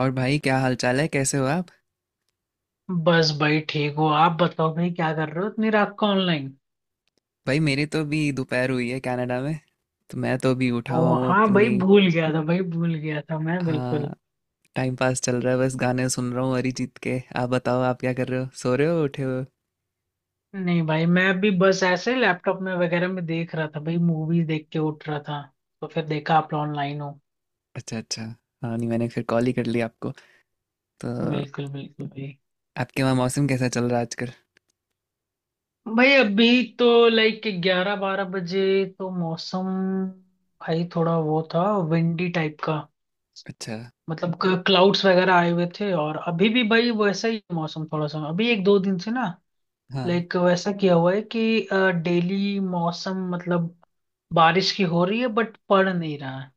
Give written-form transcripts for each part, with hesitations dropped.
और भाई क्या हाल चाल है, कैसे हो आप। बस भाई। ठीक हो? आप बताओ भाई, क्या कर रहे हो इतनी रात को ऑनलाइन? भाई मेरी तो अभी दोपहर हुई है कनाडा में। तो मैं तो अभी उठा हुआ ओ हूँ हाँ भाई, अपनी। भूल गया था भाई, भूल गया था मैं बिल्कुल। हाँ, टाइम पास चल रहा है, बस गाने सुन रहा हूँ अरिजीत के। आप बताओ, आप क्या कर रहे हो, सो रहे हो, उठे हो? नहीं भाई, मैं भी बस ऐसे लैपटॉप में वगैरह में देख रहा था भाई, मूवी देख के उठ रहा था, तो फिर देखा आप ऑनलाइन हो। अच्छा अच्छा। हाँ नहीं, मैंने फिर कॉल ही कर लिया आपको तो। बिल्कुल बिल्कुल भाई। आपके वहाँ मौसम कैसा चल रहा है आजकल? भाई अभी तो लाइक ग्यारह बारह बजे, तो मौसम भाई थोड़ा वो था, विंडी टाइप का। अच्छा। मतलब क्लाउड्स वगैरह आए हुए थे, और अभी भी भाई वैसा ही मौसम थोड़ा सा अभी एक दो दिन से ना, हाँ। लाइक वैसा किया हुआ है कि डेली मौसम मतलब बारिश की हो रही है, बट पड़ नहीं रहा है,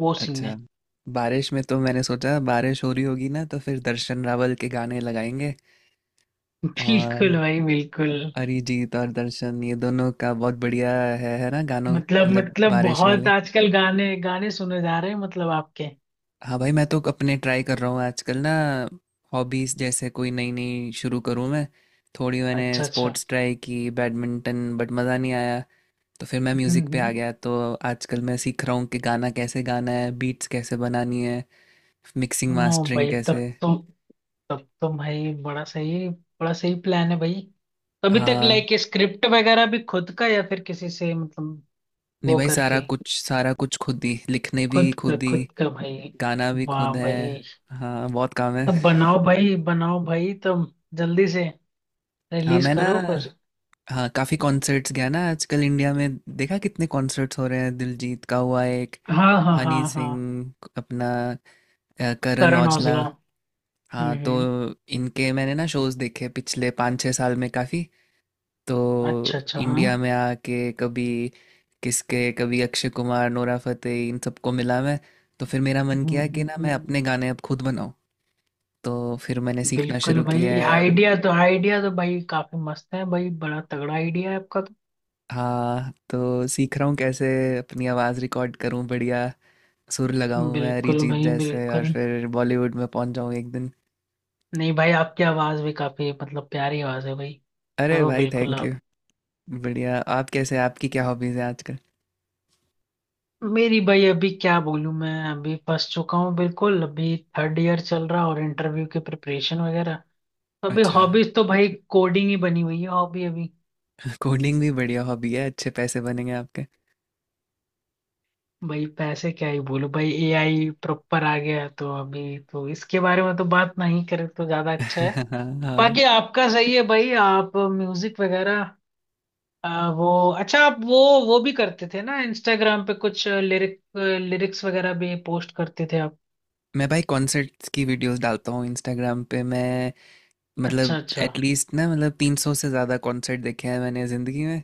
वो सीन अच्छा। है। बारिश में तो मैंने सोचा बारिश हो रही होगी ना, तो फिर दर्शन रावल के गाने लगाएंगे। बिल्कुल और भाई बिल्कुल। अरिजीत और दर्शन, ये दोनों का बहुत बढ़िया है ना गानों। मतलब मतलब मतलब बारिश बहुत वाले। आजकल गाने गाने सुने जा रहे हैं मतलब आपके। हाँ भाई, मैं तो अपने ट्राई कर रहा हूँ आजकल ना, हॉबीज जैसे कोई नई नई शुरू करूँ मैं। थोड़ी मैंने अच्छा अच्छा। स्पोर्ट्स ट्राई की बैडमिंटन, बट मज़ा नहीं आया। तो फिर मैं हम्म म्यूज़िक पे आ हम्म। गया तो। आजकल मैं सीख रहा हूँ कि गाना कैसे गाना है, बीट्स कैसे बनानी है, मिक्सिंग ओ मास्टरिंग भाई तब कैसे। तो, भाई बड़ा सही प्लान है भाई। तो अभी तक हाँ लाइक स्क्रिप्ट वगैरह भी खुद का या फिर किसी से मतलब, नहीं वो भाई, करके, सारा कुछ खुद ही, लिखने भी खुद ही, खुद का भाई। गाना भी वाह खुद है। भाई। हाँ, बहुत काम है। तब बनाओ भाई, बनाओ भाई, तब जल्दी से हाँ रिलीज मैं ना, करो फिर। हाँ काफ़ी कॉन्सर्ट्स गया ना आजकल। इंडिया में देखा कितने कॉन्सर्ट्स हो रहे हैं, दिलजीत का हुआ एक, हाँ हाँ हनी हाँ हाँ। सिंह अपना, करण करण औजला। औजला। हम्म हाँ तो हम्म, इनके मैंने ना शोज देखे पिछले 5-6 साल में काफ़ी। अच्छा तो अच्छा। हाँ। इंडिया में आके कभी, किसके कभी, अक्षय कुमार, नोरा फतेही, इन सबको मिला मैं। तो फिर मेरा मन हम्म किया कि हम्म, ना हम्म, मैं अपने गाने अब खुद बनाऊं। तो फिर मैंने सीखना बिल्कुल शुरू किया भाई, है। आइडिया तो भाई काफी मस्त है भाई, बड़ा तगड़ा आइडिया है आपका तो। हाँ तो सीख रहा हूँ कैसे अपनी आवाज़ रिकॉर्ड करूँ बढ़िया, सुर लगाऊँ मैं बिल्कुल अरिजीत भाई जैसे, और बिल्कुल। फिर बॉलीवुड में पहुँच जाऊँ एक दिन। नहीं भाई, आपकी आवाज भी काफी मतलब प्यारी आवाज है भाई। अरे करो भाई, बिल्कुल थैंक यू। आप। बढ़िया। आप कैसे, आपकी क्या हॉबीज़ है आजकल? मेरी भाई अभी क्या बोलूं? मैं अभी फंस चुका हूँ बिल्कुल, अभी थर्ड ईयर चल रहा, और इंटरव्यू की प्रिपरेशन वगैरह। अभी अच्छा। हॉबीज तो भाई कोडिंग ही बनी हुई है हॉबी अभी। कोडिंग भी बढ़िया हॉबी है, अच्छे पैसे बनेंगे आपके। भाई पैसे क्या ही बोलो भाई, एआई प्रॉपर आ गया है, तो अभी तो इसके बारे में तो बात नहीं करें तो ज्यादा अच्छा है। हाँ। बाकी आपका सही है भाई, आप म्यूजिक वगैरह। वो अच्छा, आप वो भी करते थे ना इंस्टाग्राम पे कुछ लिरिक्स वगैरह भी पोस्ट करते थे आप? मैं भाई कॉन्सर्ट्स की वीडियोस डालता हूँ इंस्टाग्राम पे मैं। अच्छा मतलब अच्छा एटलीस्ट ना, मतलब 300 से ज़्यादा कॉन्सर्ट देखे हैं मैंने ज़िंदगी में।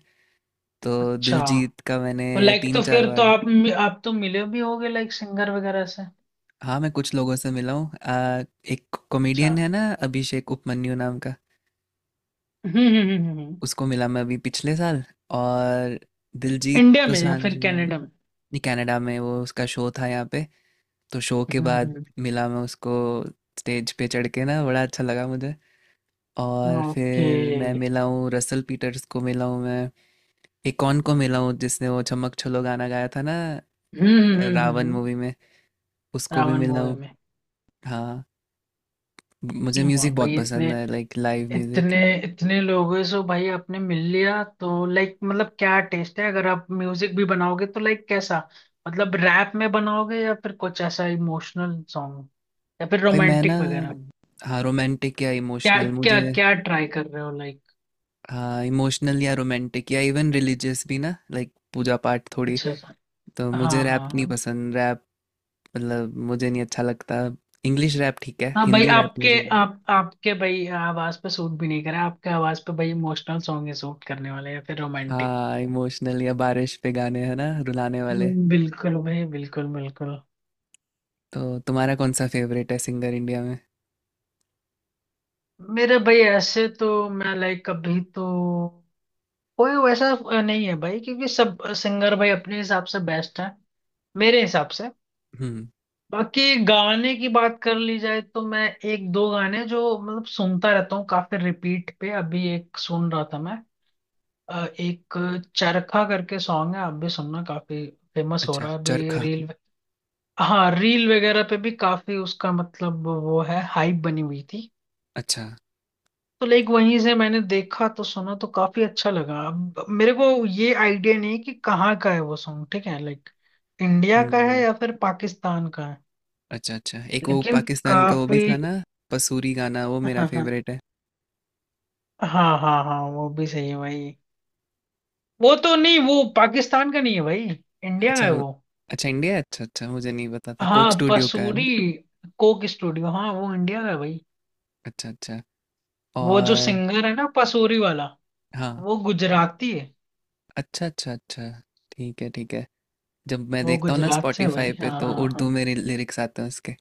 तो अच्छा। दिलजीत का मैंने तो लाइक तो तीन चार फिर तो बार आप तो मिले भी होगे लाइक सिंगर वगैरह से। हाँ मैं कुछ लोगों से मिला हूँ। एक अच्छा। कॉमेडियन है ना अभिषेक उपमन्यु नाम का, हम्म हम्म हम्म हम्म, हम्म। उसको मिला मैं अभी पिछले साल। और दिलजीत इंडिया में या दोसांझ फिर भी-। कनाडा में? नहीं, कनाडा में, वो उसका शो था यहाँ पे, तो शो के बाद हम्म। मिला मैं उसको। स्टेज पे चढ़ के ना, बड़ा अच्छा लगा मुझे। और ओके। फिर मैं मिला हूँ रसल पीटर्स को, मिला हूँ मैं। एक कौन को मिला हूँ जिसने वो चमक छल्लो गाना गाया था ना, हम्म हम्म, हम्म, रावण हम्म, मूवी में, उसको भी रावण मिला मूवी हूँ। में? हाँ, मुझे वाह म्यूजिक बहुत भाई, इतने पसंद है, लाइक लाइव म्यूजिक। इतने इतने लोगों से भाई आपने मिल लिया, तो लाइक मतलब क्या टेस्ट है, अगर आप म्यूजिक भी बनाओगे तो लाइक कैसा? मतलब रैप में बनाओगे या फिर कुछ ऐसा इमोशनल सॉन्ग, या फिर भाई मैं ना, रोमांटिक वगैरह? हाँ रोमांटिक या क्या इमोशनल क्या मुझे। क्या ट्राई कर रहे हो लाइक? हाँ इमोशनल या रोमांटिक या इवन रिलीजियस भी ना, लाइक पूजा पाठ थोड़ी। अच्छा सा। तो मुझे हाँ रैप हाँ नहीं हाँ पसंद, रैप, मतलब मुझे नहीं अच्छा लगता। इंग्लिश रैप ठीक है, हाँ, भाई हिंदी रैप आपके, मुझे नहीं। आप आपके भाई आवाज पे सूट भी नहीं करा, आपके आवाज पे भाई इमोशनल सॉन्ग ही सूट करने वाले हैं या फिर रोमांटिक। हाँ, इमोशनल या बारिश पे गाने है ना, रुलाने वाले। बिल्कुल भाई बिल्कुल बिल्कुल। तो तुम्हारा कौन सा फेवरेट है सिंगर इंडिया में? मेरा भाई ऐसे तो, मैं लाइक कभी तो कोई वैसा नहीं है भाई, क्योंकि सब सिंगर भाई अपने हिसाब से बेस्ट है, मेरे हिसाब से। हम्म। बाकी गाने की बात कर ली जाए तो, मैं एक दो गाने जो मतलब सुनता रहता हूँ काफी रिपीट पे, अभी एक सुन रहा था मैं। एक चरखा करके सॉन्ग है, आप भी सुनना, काफी फेमस हो अच्छा, रहा है अभी चरखा। रील। हाँ, रील वगैरह पे भी काफी उसका मतलब वो है, हाइप बनी हुई थी। अच्छा। तो लाइक वहीं से मैंने देखा, तो सुना तो काफी अच्छा लगा। अब मेरे को ये आइडिया नहीं कि कहाँ का है वो सॉन्ग, ठीक है लाइक, इंडिया का है हम्म। या फिर पाकिस्तान का है, अच्छा अच्छा, एक वो लेकिन पाकिस्तान का वो भी काफी। था ना, पसूरी गाना, वो मेरा हाँ हाँ फेवरेट है। हाँ, हाँ हाँ वो भी सही है भाई। वो तो नहीं, वो पाकिस्तान का नहीं है भाई, इंडिया का अच्छा है वो-। वो। अच्छा, इंडिया है? अच्छा अच्छा, मुझे नहीं पता था, कोक हाँ स्टूडियो का है ना। पसूरी, कोक स्टूडियो, हाँ वो इंडिया का है भाई। अच्छा अच्छा। वो जो और। सिंगर है ना पसूरी वाला, हाँ। वो गुजराती है। अच्छा अच्छा अच्छा, ठीक है ठीक है। जब मैं वो देखता हूँ ना गुजरात से है स्पॉटिफाई भाई, पे, हाँ तो हाँ उर्दू हाँ। में लिरिक्स आते हैं उसके।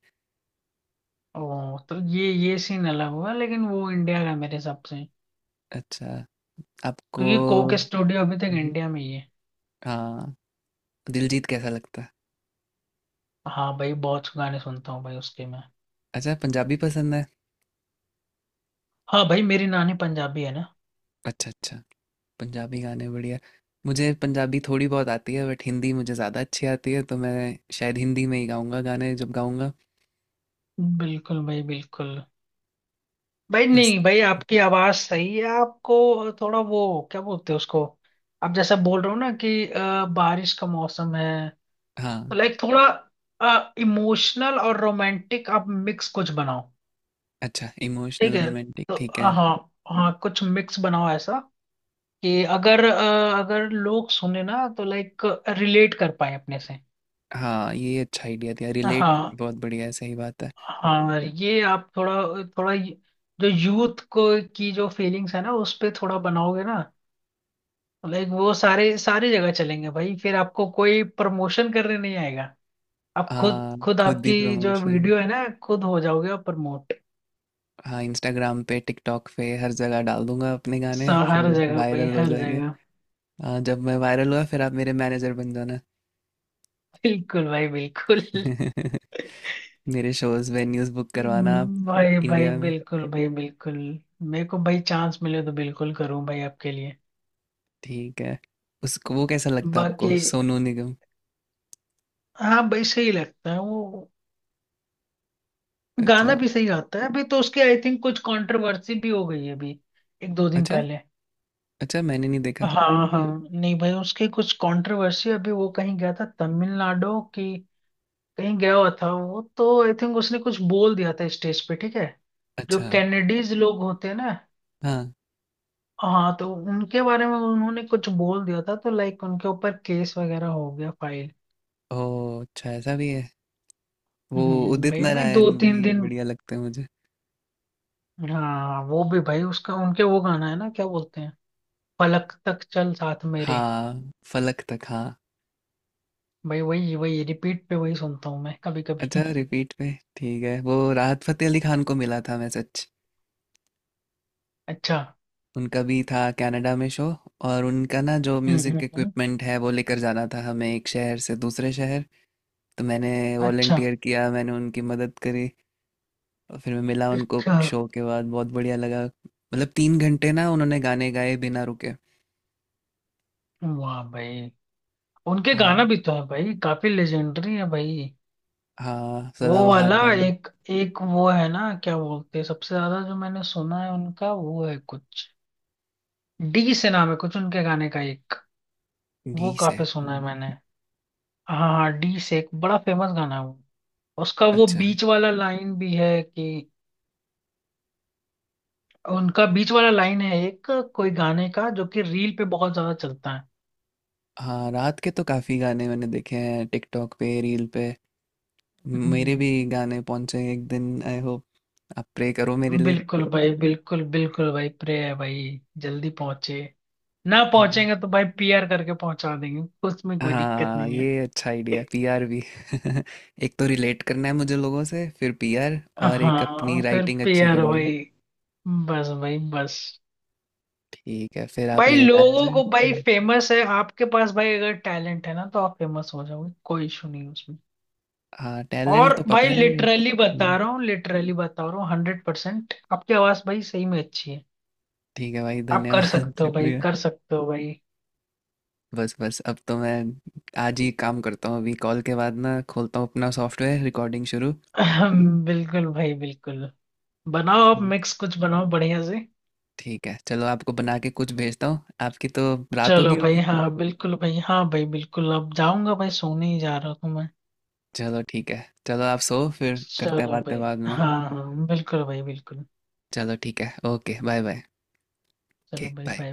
ओ तो ये सीन अलग हुआ, लेकिन वो इंडिया का मेरे हिसाब से। अच्छा। आपको। क्योंकि कोक स्टूडियो अभी तक हम्म। इंडिया में ही है। हाँ, दिलजीत कैसा लगता है? हाँ भाई, बहुत गाने सुनता हूँ भाई उसके मैं। अच्छा, पंजाबी पसंद है। हाँ भाई, मेरी नानी पंजाबी है ना। अच्छा अच्छा, पंजाबी गाने बढ़िया। मुझे पंजाबी थोड़ी बहुत आती है, बट हिंदी मुझे ज़्यादा अच्छी आती है, तो मैं शायद हिंदी में ही गाऊंगा गाने जब गाऊंगा। बिल्कुल भाई बिल्कुल। भाई बस। नहीं भाई, आपकी आवाज सही है, आपको थोड़ा वो, क्या बोलते हैं उसको, आप जैसा बोल रहे हो ना कि बारिश का मौसम है। तो हाँ। लाइक थोड़ा इमोशनल और रोमांटिक, आप मिक्स कुछ बनाओ। अच्छा, ठीक इमोशनल है। रोमांटिक तो ठीक है। हाँ। हाँ कुछ मिक्स बनाओ ऐसा, कि अगर लोग सुने ना तो लाइक रिलेट कर पाए अपने से। हाँ ये अच्छा आइडिया दिया, रिलेट, हाँ बहुत बढ़िया है, सही बात है। हाँ, ये आप थोड़ा थोड़ा जो यूथ को की जो फीलिंग्स है ना, उस पे थोड़ा बनाओगे ना, तो लाइक वो सारे सारी जगह चलेंगे भाई, फिर आपको कोई प्रमोशन करने नहीं आएगा। आप खुद हाँ, खुद, खुद ही आपकी जो प्रमोशन। वीडियो है ना, खुद हो जाओगे आप प्रमोट, हाँ, इंस्टाग्राम पे tiktok पे हर जगह डाल दूंगा अपने गाने, हर फिर जगह भाई वायरल हो हर जाएंगे। जगह। हाँ, जब मैं वायरल हुआ फिर आप मेरे मैनेजर बन जाना। बिल्कुल भाई बिल्कुल। मेरे शोज, वेन्यूज बुक करवाना आप, भाई भाई इंडिया में। बिल्कुल भाई बिल्कुल। मेरे को भाई चांस मिले तो बिल्कुल करूँ भाई आपके लिए। ठीक है। उसको, वो कैसा लगता है बाकी। आपको सोनू निगम? हाँ भाई सही लगता है वो, गाना अच्छा। भी सही आता है, अभी तो उसकी आई थिंक कुछ कंट्रोवर्सी भी हो गई है अभी, एक दो दिन अच्छा, पहले। अच्छा मैंने नहीं देखा। हाँ हाँ। नहीं भाई, उसकी कुछ कंट्रोवर्सी अभी, वो कहीं गया था तमिलनाडु की, कहीं गया हुआ था वो, तो आई थिंक उसने कुछ बोल दिया था स्टेज पे, ठीक है। जो अच्छा। कैनेडीज लोग होते हैं ना, हाँ। हाँ, तो उनके बारे में उन्होंने कुछ बोल दिया था, तो लाइक उनके ऊपर केस वगैरह हो गया फाइल। ओ अच्छा, ऐसा भी है। वो उदित भाई अभी दो नारायण भी तीन दिन। बढ़िया लगते हैं मुझे। हाँ वो भी भाई, उसका उनके वो गाना है ना, क्या बोलते हैं, पलक तक चल साथ मेरे। हाँ, फलक तक, हाँ। भाई वही वही रिपीट पे वही सुनता हूँ मैं कभी अच्छा, कभी रिपीट पे, ठीक है। वो राहत फतेह अली खान को मिला था मैसेज, अच्छा। उनका भी था कनाडा में शो। और उनका ना जो हम्म हम्म म्यूजिक हम्म, इक्विपमेंट है, वो लेकर जाना था हमें एक शहर से दूसरे शहर। तो मैंने अच्छा वॉलंटियर किया, मैंने उनकी मदद करी। और फिर मैं मिला उनको अच्छा। शो के बाद, बहुत बढ़िया लगा, मतलब 3 घंटे ना उन्होंने गाने गाए बिना रुके। वाह भाई, उनके हाँ। गाना भी तो है भाई, काफी लेजेंडरी है भाई। हाँ, वो सदाबहार वाला गाने। एक एक वो है ना, क्या बोलते हैं, सबसे ज्यादा जो मैंने सुना है उनका, वो है कुछ, डी से नाम है कुछ उनके गाने का एक। डी वो से, काफी सुना है हम्म। मैंने। हाँ हाँ, डी से एक बड़ा फेमस गाना है वो। उसका वो अच्छा। बीच वाला लाइन भी है कि, उनका बीच वाला लाइन है एक, कोई गाने का, जो कि रील पे बहुत ज्यादा चलता है। हाँ, रात के तो काफ़ी गाने मैंने देखे हैं टिकटॉक पे, रील पे। मेरे हम्म, भी गाने पहुंचे एक दिन आई होप, आप प्रे करो मेरे लिए। बिल्कुल भाई बिल्कुल बिल्कुल भाई, प्रे है भाई जल्दी पहुंचे। ना हाँ। पहुंचेंगे तो भाई, पीआर करके पहुंचा देंगे, उसमें कोई दिक्कत हाँ नहीं है। ये अच्छा आइडिया है, पीआर भी। एक तो रिलेट करना है मुझे लोगों से, फिर पीआर, और एक अपनी हाँ फिर राइटिंग अच्छी पीआर करनी है। भाई, बस भाई बस। ठीक है, फिर आप भाई मेरे लोगों मैनेजर। को भाई हाँ। फेमस है आपके पास, भाई अगर टैलेंट है ना, तो आप फेमस हो जाओगे, कोई इशू नहीं है उसमें। हाँ टैलेंट और तो भाई पता नहीं बट। लिटरली बता हम्म। रहा हूँ, लिटरली बता रहा हूँ, 100% आपकी आवाज भाई सही में अच्छी है। ठीक है भाई, आप कर धन्यवाद। सकते हो भाई शुक्रिया। कर सकते हो भाई। बस बस, अब तो मैं आज ही काम करता हूँ, अभी कॉल के बाद ना खोलता हूँ अपना सॉफ्टवेयर, रिकॉर्डिंग शुरू। बिल्कुल भाई बिल्कुल। बनाओ, आप ठीक। मिक्स कुछ बनाओ बढ़िया से। ठीक है, चलो आपको बना के कुछ भेजता हूँ, आपकी तो रात होगी चलो भाई, होगी। हाँ बिल्कुल भाई, हाँ भाई बिल्कुल, अब जाऊंगा भाई, सोने ही जा रहा हूँ मैं। चलो ठीक है, चलो आप सो, फिर करते हैं चलो बातें भाई, बाद में। हाँ हाँ बिल्कुल भाई बिल्कुल, चलो ठीक है, ओके बाय बाय। चलो ओके भाई बाय। बाय।